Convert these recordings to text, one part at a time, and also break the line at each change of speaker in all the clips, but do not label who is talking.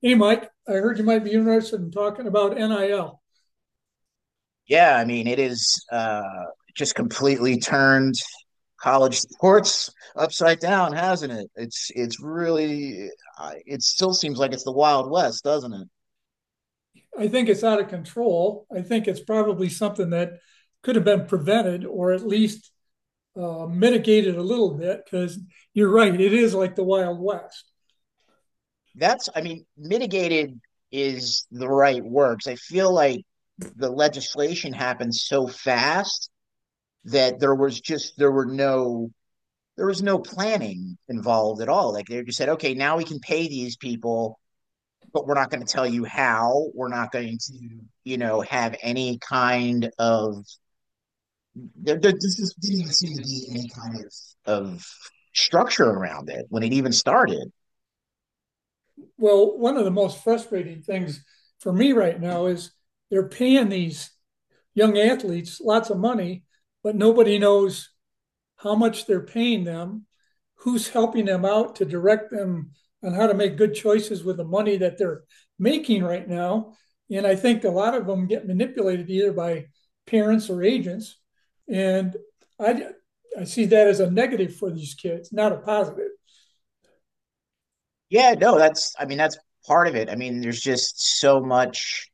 Hey, Mike, I heard you might be interested in talking about NIL. I L.
Yeah, I mean, it is just completely turned college sports upside down, hasn't it? It's really it still seems like it's the Wild West, doesn't it?
I think it's out of control. I think it's probably something that could have been prevented or at least mitigated a little bit because you're right, it is like the Wild West.
That's, I mean, mitigated is the right words. I feel like the legislation happened so fast that there were no there was no planning involved at all. Like they just said, okay, now we can pay these people, but we're not going to tell you how. We're not going to, have any kind of. This didn't even seem to be any kind of of structure around it when it even started.
Well, one of the most frustrating things for me right now is they're paying these young athletes lots of money, but nobody knows how much they're paying them, who's helping them out to direct them on how to make good choices with the money that they're making right now. And I think a lot of them get manipulated either by parents or agents. And I, I see that as a negative for these kids, not a positive.
Yeah, no, that's. I mean, that's part of it. I mean, there's just so much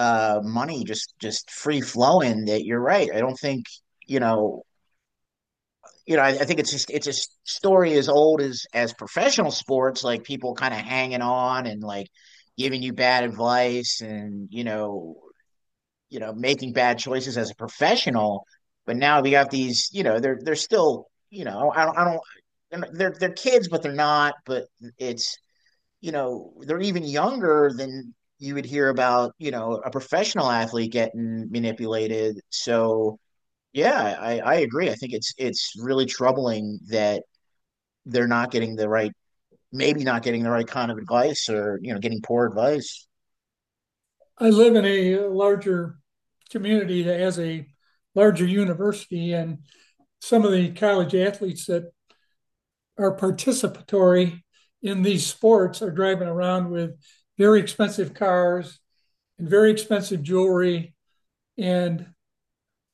money just free flowing that you're right. I don't think you know I think it's just it's a story as old as professional sports, like people kind of hanging on and like giving you bad advice, and making bad choices as a professional. But now we got these, you know, they're still, you know, I don't, they're not- they're kids, but they're not. But it's, you know, they're even younger than you would hear about, you know, a professional athlete getting manipulated. So yeah, I agree. I think it's really troubling that they're not getting the right, maybe not getting the right kind of advice, or, you know, getting poor advice.
I live in a larger community that has a larger university, and some of the college athletes that are participatory in these sports are driving around with very expensive cars and very expensive jewelry, and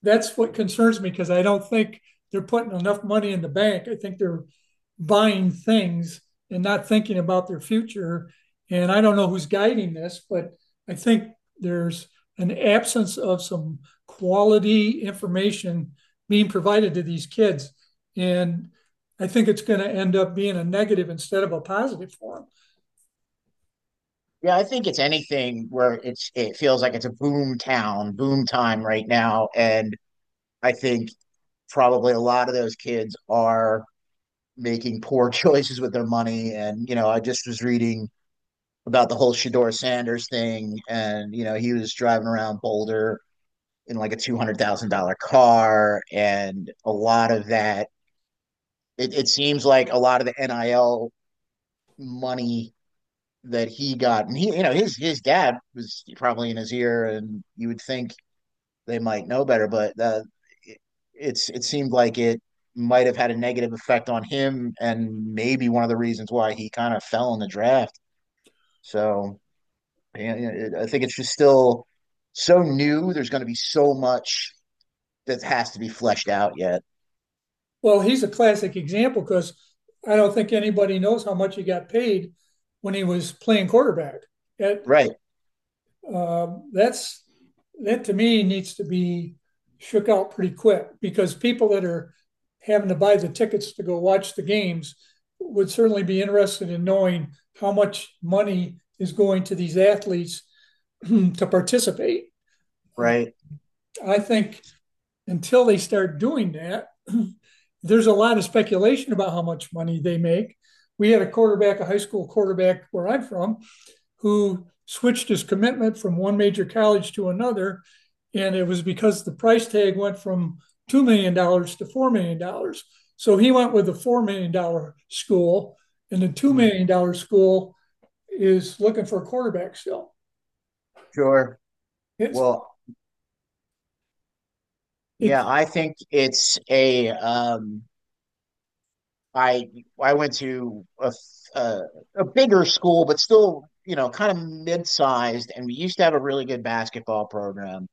that's what concerns me because I don't think they're putting enough money in the bank. I think they're buying things and not thinking about their future. And I don't know who's guiding this, but I think there's an absence of some quality information being provided to these kids. And I think it's going to end up being a negative instead of a positive for them.
Yeah, I think it's anything where it feels like it's a boom town, boom time right now. And I think probably a lot of those kids are making poor choices with their money. And, you know, I just was reading about the whole Shador Sanders thing, and, you know, he was driving around Boulder in like a $200,000 car, and a lot of that. It seems like a lot of the NIL money that he got, and he, you know, his dad was probably in his ear, and you would think they might know better, but it, it's it seemed like it might have had a negative effect on him, and maybe one of the reasons why he kind of fell in the draft. So yeah, yeah, I think it's just still so new. There's going to be so much that has to be fleshed out yet.
Well, he's a classic example because I don't think anybody knows how much he got paid when he was playing quarterback. That
Right.
that's that, to me, needs to be shook out pretty quick because people that are having to buy the tickets to go watch the games would certainly be interested in knowing how much money is going to these athletes to participate.
Right?
I think until they start doing that, there's a lot of speculation about how much money they make. We had a quarterback, a high school quarterback where I'm from, who switched his commitment from one major college to another. And it was because the price tag went from $2 million dollars to $4 million. Dollars. So he went with the $4 million dollars school, and the $2
Mm.
million dollars school is looking for a quarterback still.
Sure.
It's,
Well,
it
yeah, I think it's a I I went to a, a bigger school, but still, you know, kind of mid-sized, and we used to have a really good basketball program.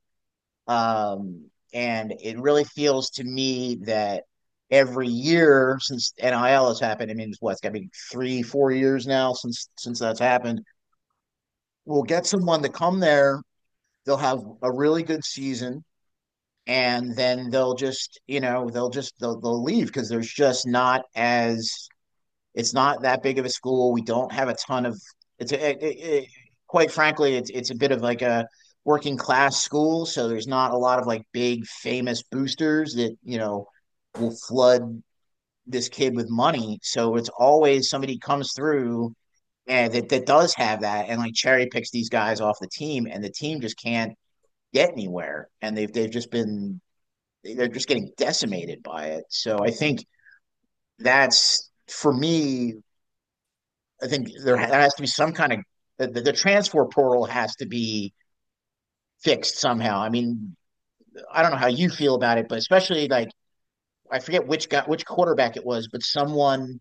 And it really feels to me that every year since NIL has happened, I mean, it's what, it's got to be 3, 4 years now since that's happened. We'll get someone to come there. They'll have a really good season, and then they'll just you know they'll leave because there's just not as it's not that big of a school, we don't have a ton of it's a, it, it, quite frankly it's a bit of like a working class school, so there's not a lot of like big famous boosters that you know will flood this kid with money. So it's always somebody comes through and that does have that and like cherry picks these guys off the team, and the team just can't get anywhere, and they've just been they're just getting decimated by it. So I think that's for me. I think there has to be some kind of the transfer portal has to be fixed somehow. I mean, I don't know how you feel about it, but especially like I forget which guy, which quarterback it was, but someone,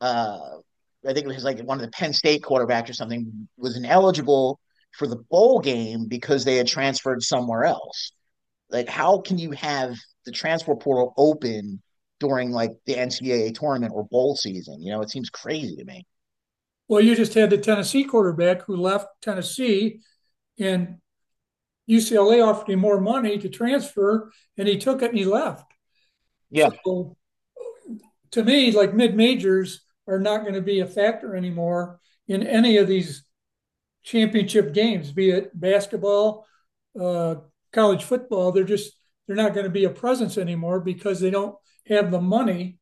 uh, I think it was like one of the Penn State quarterbacks or something, was ineligible for the bowl game because they had transferred somewhere else. Like how can you have the transfer portal open during like the NCAA tournament or bowl season? You know, it seems crazy to me.
Well, you just had the Tennessee quarterback who left Tennessee, and UCLA offered him more money to transfer, and he took it and he left.
Yeah.
So, to me, like mid majors are not going to be a factor anymore in any of these championship games, be it basketball, uh, college football. They're just, they're not going to be a presence anymore because they don't have the money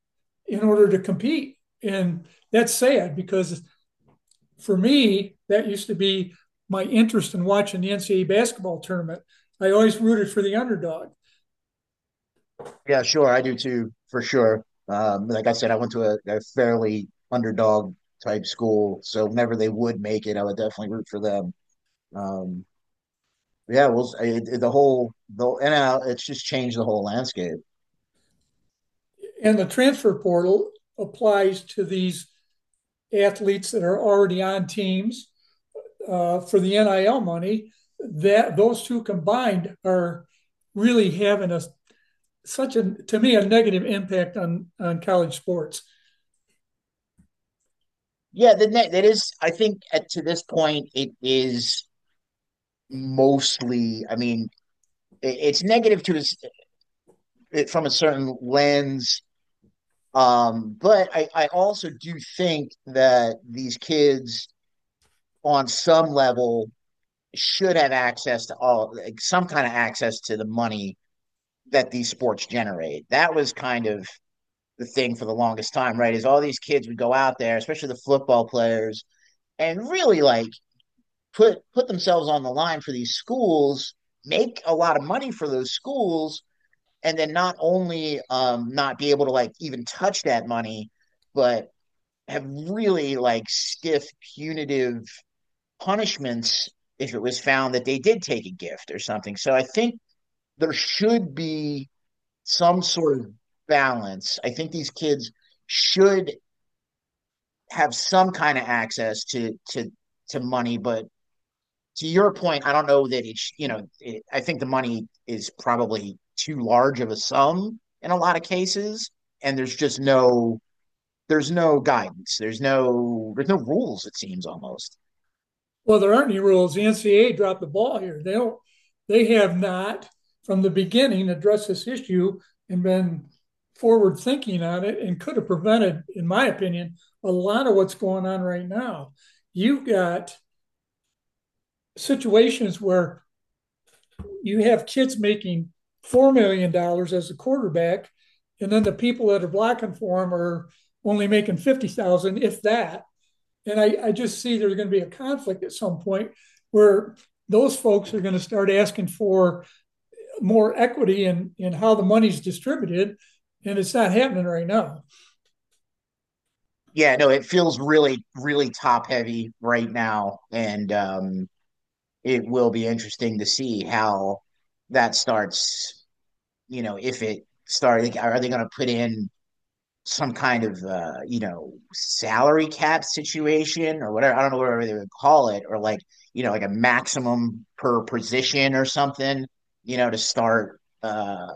in order to compete. And that's sad because, for me, that used to be my interest in watching the NCAA basketball tournament. I always rooted for the underdog.
Yeah, sure, I do too, for sure. Like I said, I went to a fairly underdog type school, so whenever they would make it, I would definitely root for them. Um, yeah, well, the whole the and it's just changed the whole landscape.
And the transfer portal applies to these athletes that are already on teams for the NIL money. That those two combined are really having a such a, to me, a negative impact on college sports.
Yeah, the net that is. I think at to this point, it is mostly. I mean, it's negative to it from a certain lens. But I also do think that these kids on some level should have access to all like some kind of access to the money that these sports generate. That was kind of the thing for the longest time, right? Is all these kids would go out there, especially the football players, and really like put themselves on the line for these schools, make a lot of money for those schools, and then not only not be able to like even touch that money, but have really like stiff punitive punishments if it was found that they did take a gift or something. So I think there should be some sort of balance. I think these kids should have some kind of access to money, but to your point, I don't know that it's, you know, I think the money is probably too large of a sum in a lot of cases. And there's no guidance. There's no rules, it seems almost.
Well, there aren't any rules. The NCAA dropped the ball here. They don't. They have not, from the beginning, addressed this issue and been forward thinking on it, and could have prevented, in my opinion, a lot of what's going on right now. You've got situations where you have kids making $4 million as a quarterback, and then the people that are blocking for them are only making 50,000, if that. And I just see there's going to be a conflict at some point where those folks are going to start asking for more equity in how the money's distributed. And it's not happening right now.
Yeah, no, it feels really, really top heavy right now. And it will be interesting to see how that starts, you know, if it started, are they going to put in some kind of you know, salary cap situation or whatever. I don't know whatever they would call it, or like you know like a maximum per position or something. You know to start.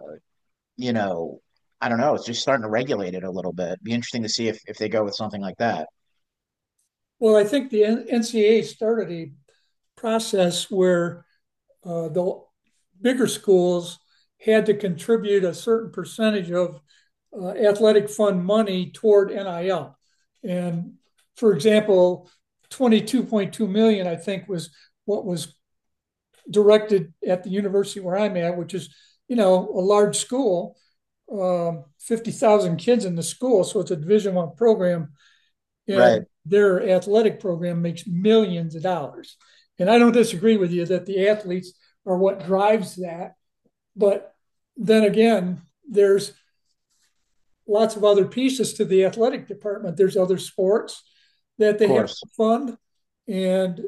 You know, I don't know. It's just starting to regulate it a little bit. It'd be interesting to see if they go with something like that.
Well, I think the NCAA started a process where the bigger schools had to contribute a certain percentage of athletic fund money toward NIL. And, for example, 22.2 million, I think, was what was directed at the university where I'm at, which is, you know, a large school, 50,000 kids in the school. So it's a division one program
Right,
and
of
their athletic program makes millions of dollars. And I don't disagree with you that the athletes are what drives that. But then again, there's lots of other pieces to the athletic department. There's other sports that they have to
course.
fund, and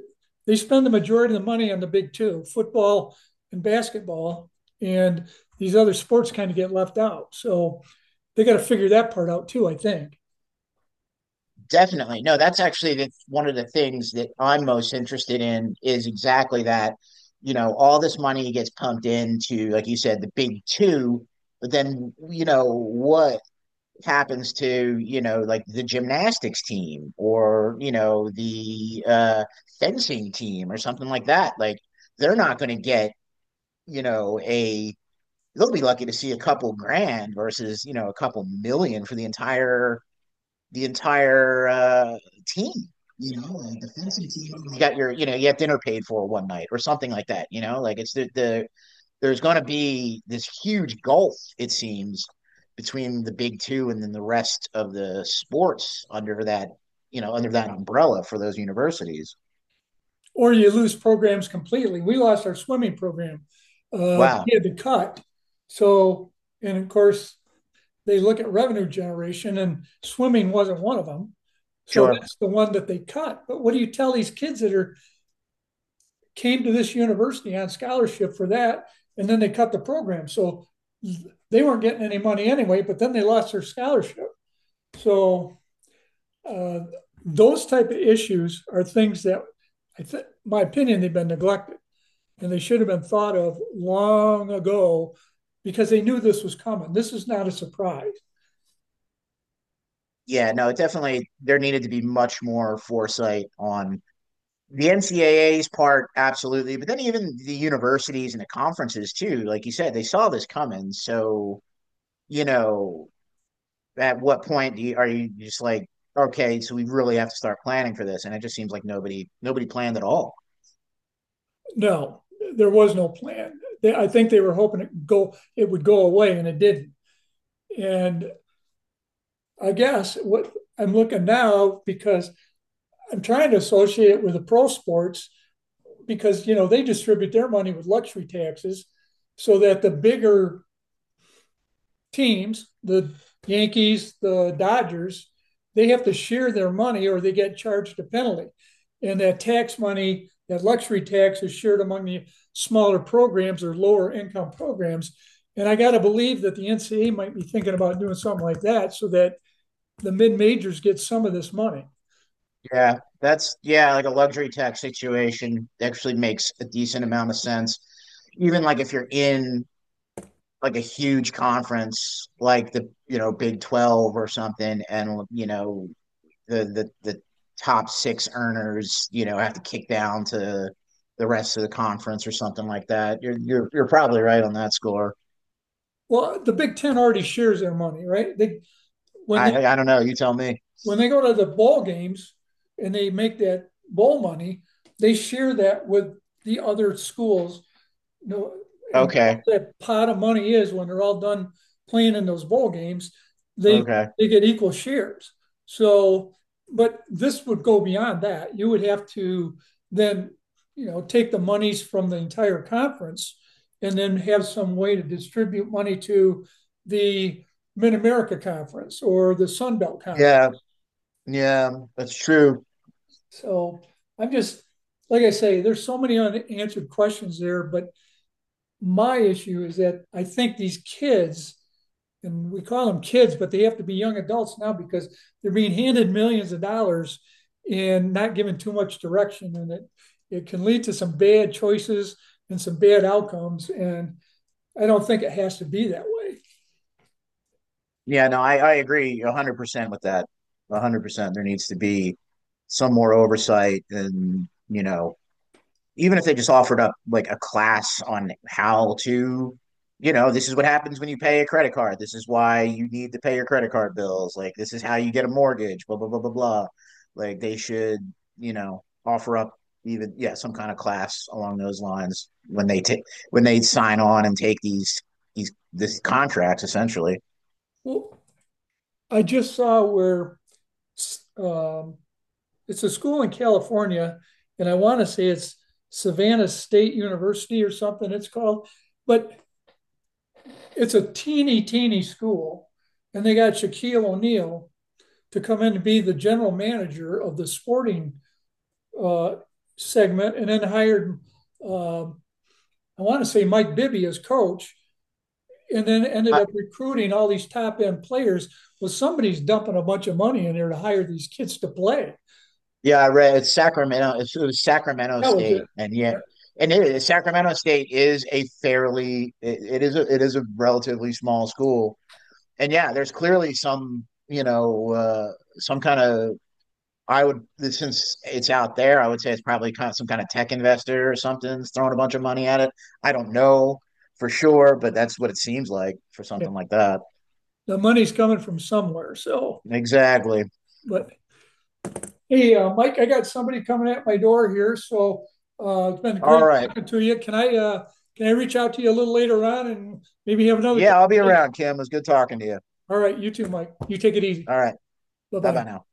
they spend the majority of the money on the big two, football and basketball. And these other sports kind of get left out. So they got to figure that part out too, I think.
Definitely. No, that's actually one of the things that I'm most interested in is exactly that. You know, all this money gets pumped into, like you said, the big two, but then, you know, what happens to, you know, like the gymnastics team or, you know, the fencing team or something like that? Like, they're not going to get, you know, they'll be lucky to see a couple grand versus, you know, a couple million for the entire team. You know, a defensive team. You got your, you know, you have dinner paid for one night or something like that. You know, like it's the there's going to be this huge gulf, it seems, between the big two and then the rest of the sports under that, you know, under that umbrella for those universities.
Or you lose programs completely. We lost our swimming program.
Wow,
We had to cut. So, and of course, they look at revenue generation, and swimming wasn't one of them. So
sure,
that's the one that they cut. But what do you tell these kids that are came to this university on scholarship for that and then they cut the program? So they weren't getting any money anyway, but then they lost their scholarship. So uh, those type of issues are things that I think, my opinion, they've been neglected and they should have been thought of long ago because they knew this was coming. This is not a surprise.
yeah, no, definitely there needed to be much more foresight on the NCAA's part, absolutely, but then even the universities and the conferences too. Like you said, they saw this coming. So you know, at what point do you, are you just like, okay, so we really have to start planning for this? And it just seems like nobody planned at all.
No, there was no plan. They, I think they were hoping it go it would go away, and it didn't. And I guess what I'm looking now because I'm trying to associate with the pro sports because, you know, they distribute their money with luxury taxes, so that the bigger teams, the Yankees, the Dodgers, they have to share their money or they get charged a penalty. And that tax money, that luxury tax, is shared among the smaller programs or lower income programs. And I got to believe that the NCAA might be thinking about doing something like that so that the mid majors get some of this money.
Yeah, that's yeah, like a luxury tax situation actually makes a decent amount of sense. Even like if you're in like a huge conference like the you know Big 12 or something, and you know the top 6 earners, you know, have to kick down to the rest of the conference or something like that. You're you're probably right on that score.
Well, the Big Ten already shares their money, right? They when they
I don't know. You tell me.
when they go to the ball games and they make that bowl money, they share that with the other schools. Know and what
Okay.
that pot of money is when they're all done playing in those bowl games, they
Okay.
they get equal shares. So, but this would go beyond that. You would have to then, you know, take the monies from the entire conference and then have some way to distribute money to the Mid America Conference or the Sun Belt Conference.
Yeah. Yeah. That's true.
So I'm just like I say, there's so many unanswered questions there, but my issue is that I think these kids, and we call them kids, but they have to be young adults now because they're being handed millions of dollars and not given too much direction, and it can lead to some bad choices and some bad outcomes. And I don't think it has to be that way.
Yeah. No, I agree 100% with that. 100%. There needs to be some more oversight, and you know even if they just offered up like a class on how to, you know, this is what happens when you pay a credit card. This is why you need to pay your credit card bills. Like this is how you get a mortgage. Blah blah blah blah blah. Like they should, you know, offer up even yeah some kind of class along those lines when they take when they sign on and take these contracts essentially.
Well, I just saw where um, it's a school in California, and I want to say it's Savannah State University or something it's called, but it's a teeny, teeny school. And they got Shaquille O'Neal to come in and be the general manager of the sporting uh, segment, and then hired, I want to say Mike Bibby as coach, and then ended up recruiting all these top end players. Well, somebody's dumping a bunch of money in there to hire these kids to play.
Yeah, I read it's Sacramento. It was Sacramento
That was it.
State, and yeah, and it is, Sacramento State is a fairly it is it is a relatively small school, and yeah, there's clearly some you know some kind of I would since it's out there, I would say it's probably kind of some kind of tech investor or something's throwing a bunch of money at it. I don't know for sure, but that's what it seems like for something like that.
The money's coming from somewhere. So,
Exactly.
but hey, Mike, I got somebody coming at my door here. So it's been
All
great
right.
talking to you. Can I reach out to you a little later on and maybe have another
Yeah, I'll be
conversation?
around, Kim. It was good talking to you.
All right, you too, Mike. You take it easy.
All right. Bye bye
Bye-bye.
now.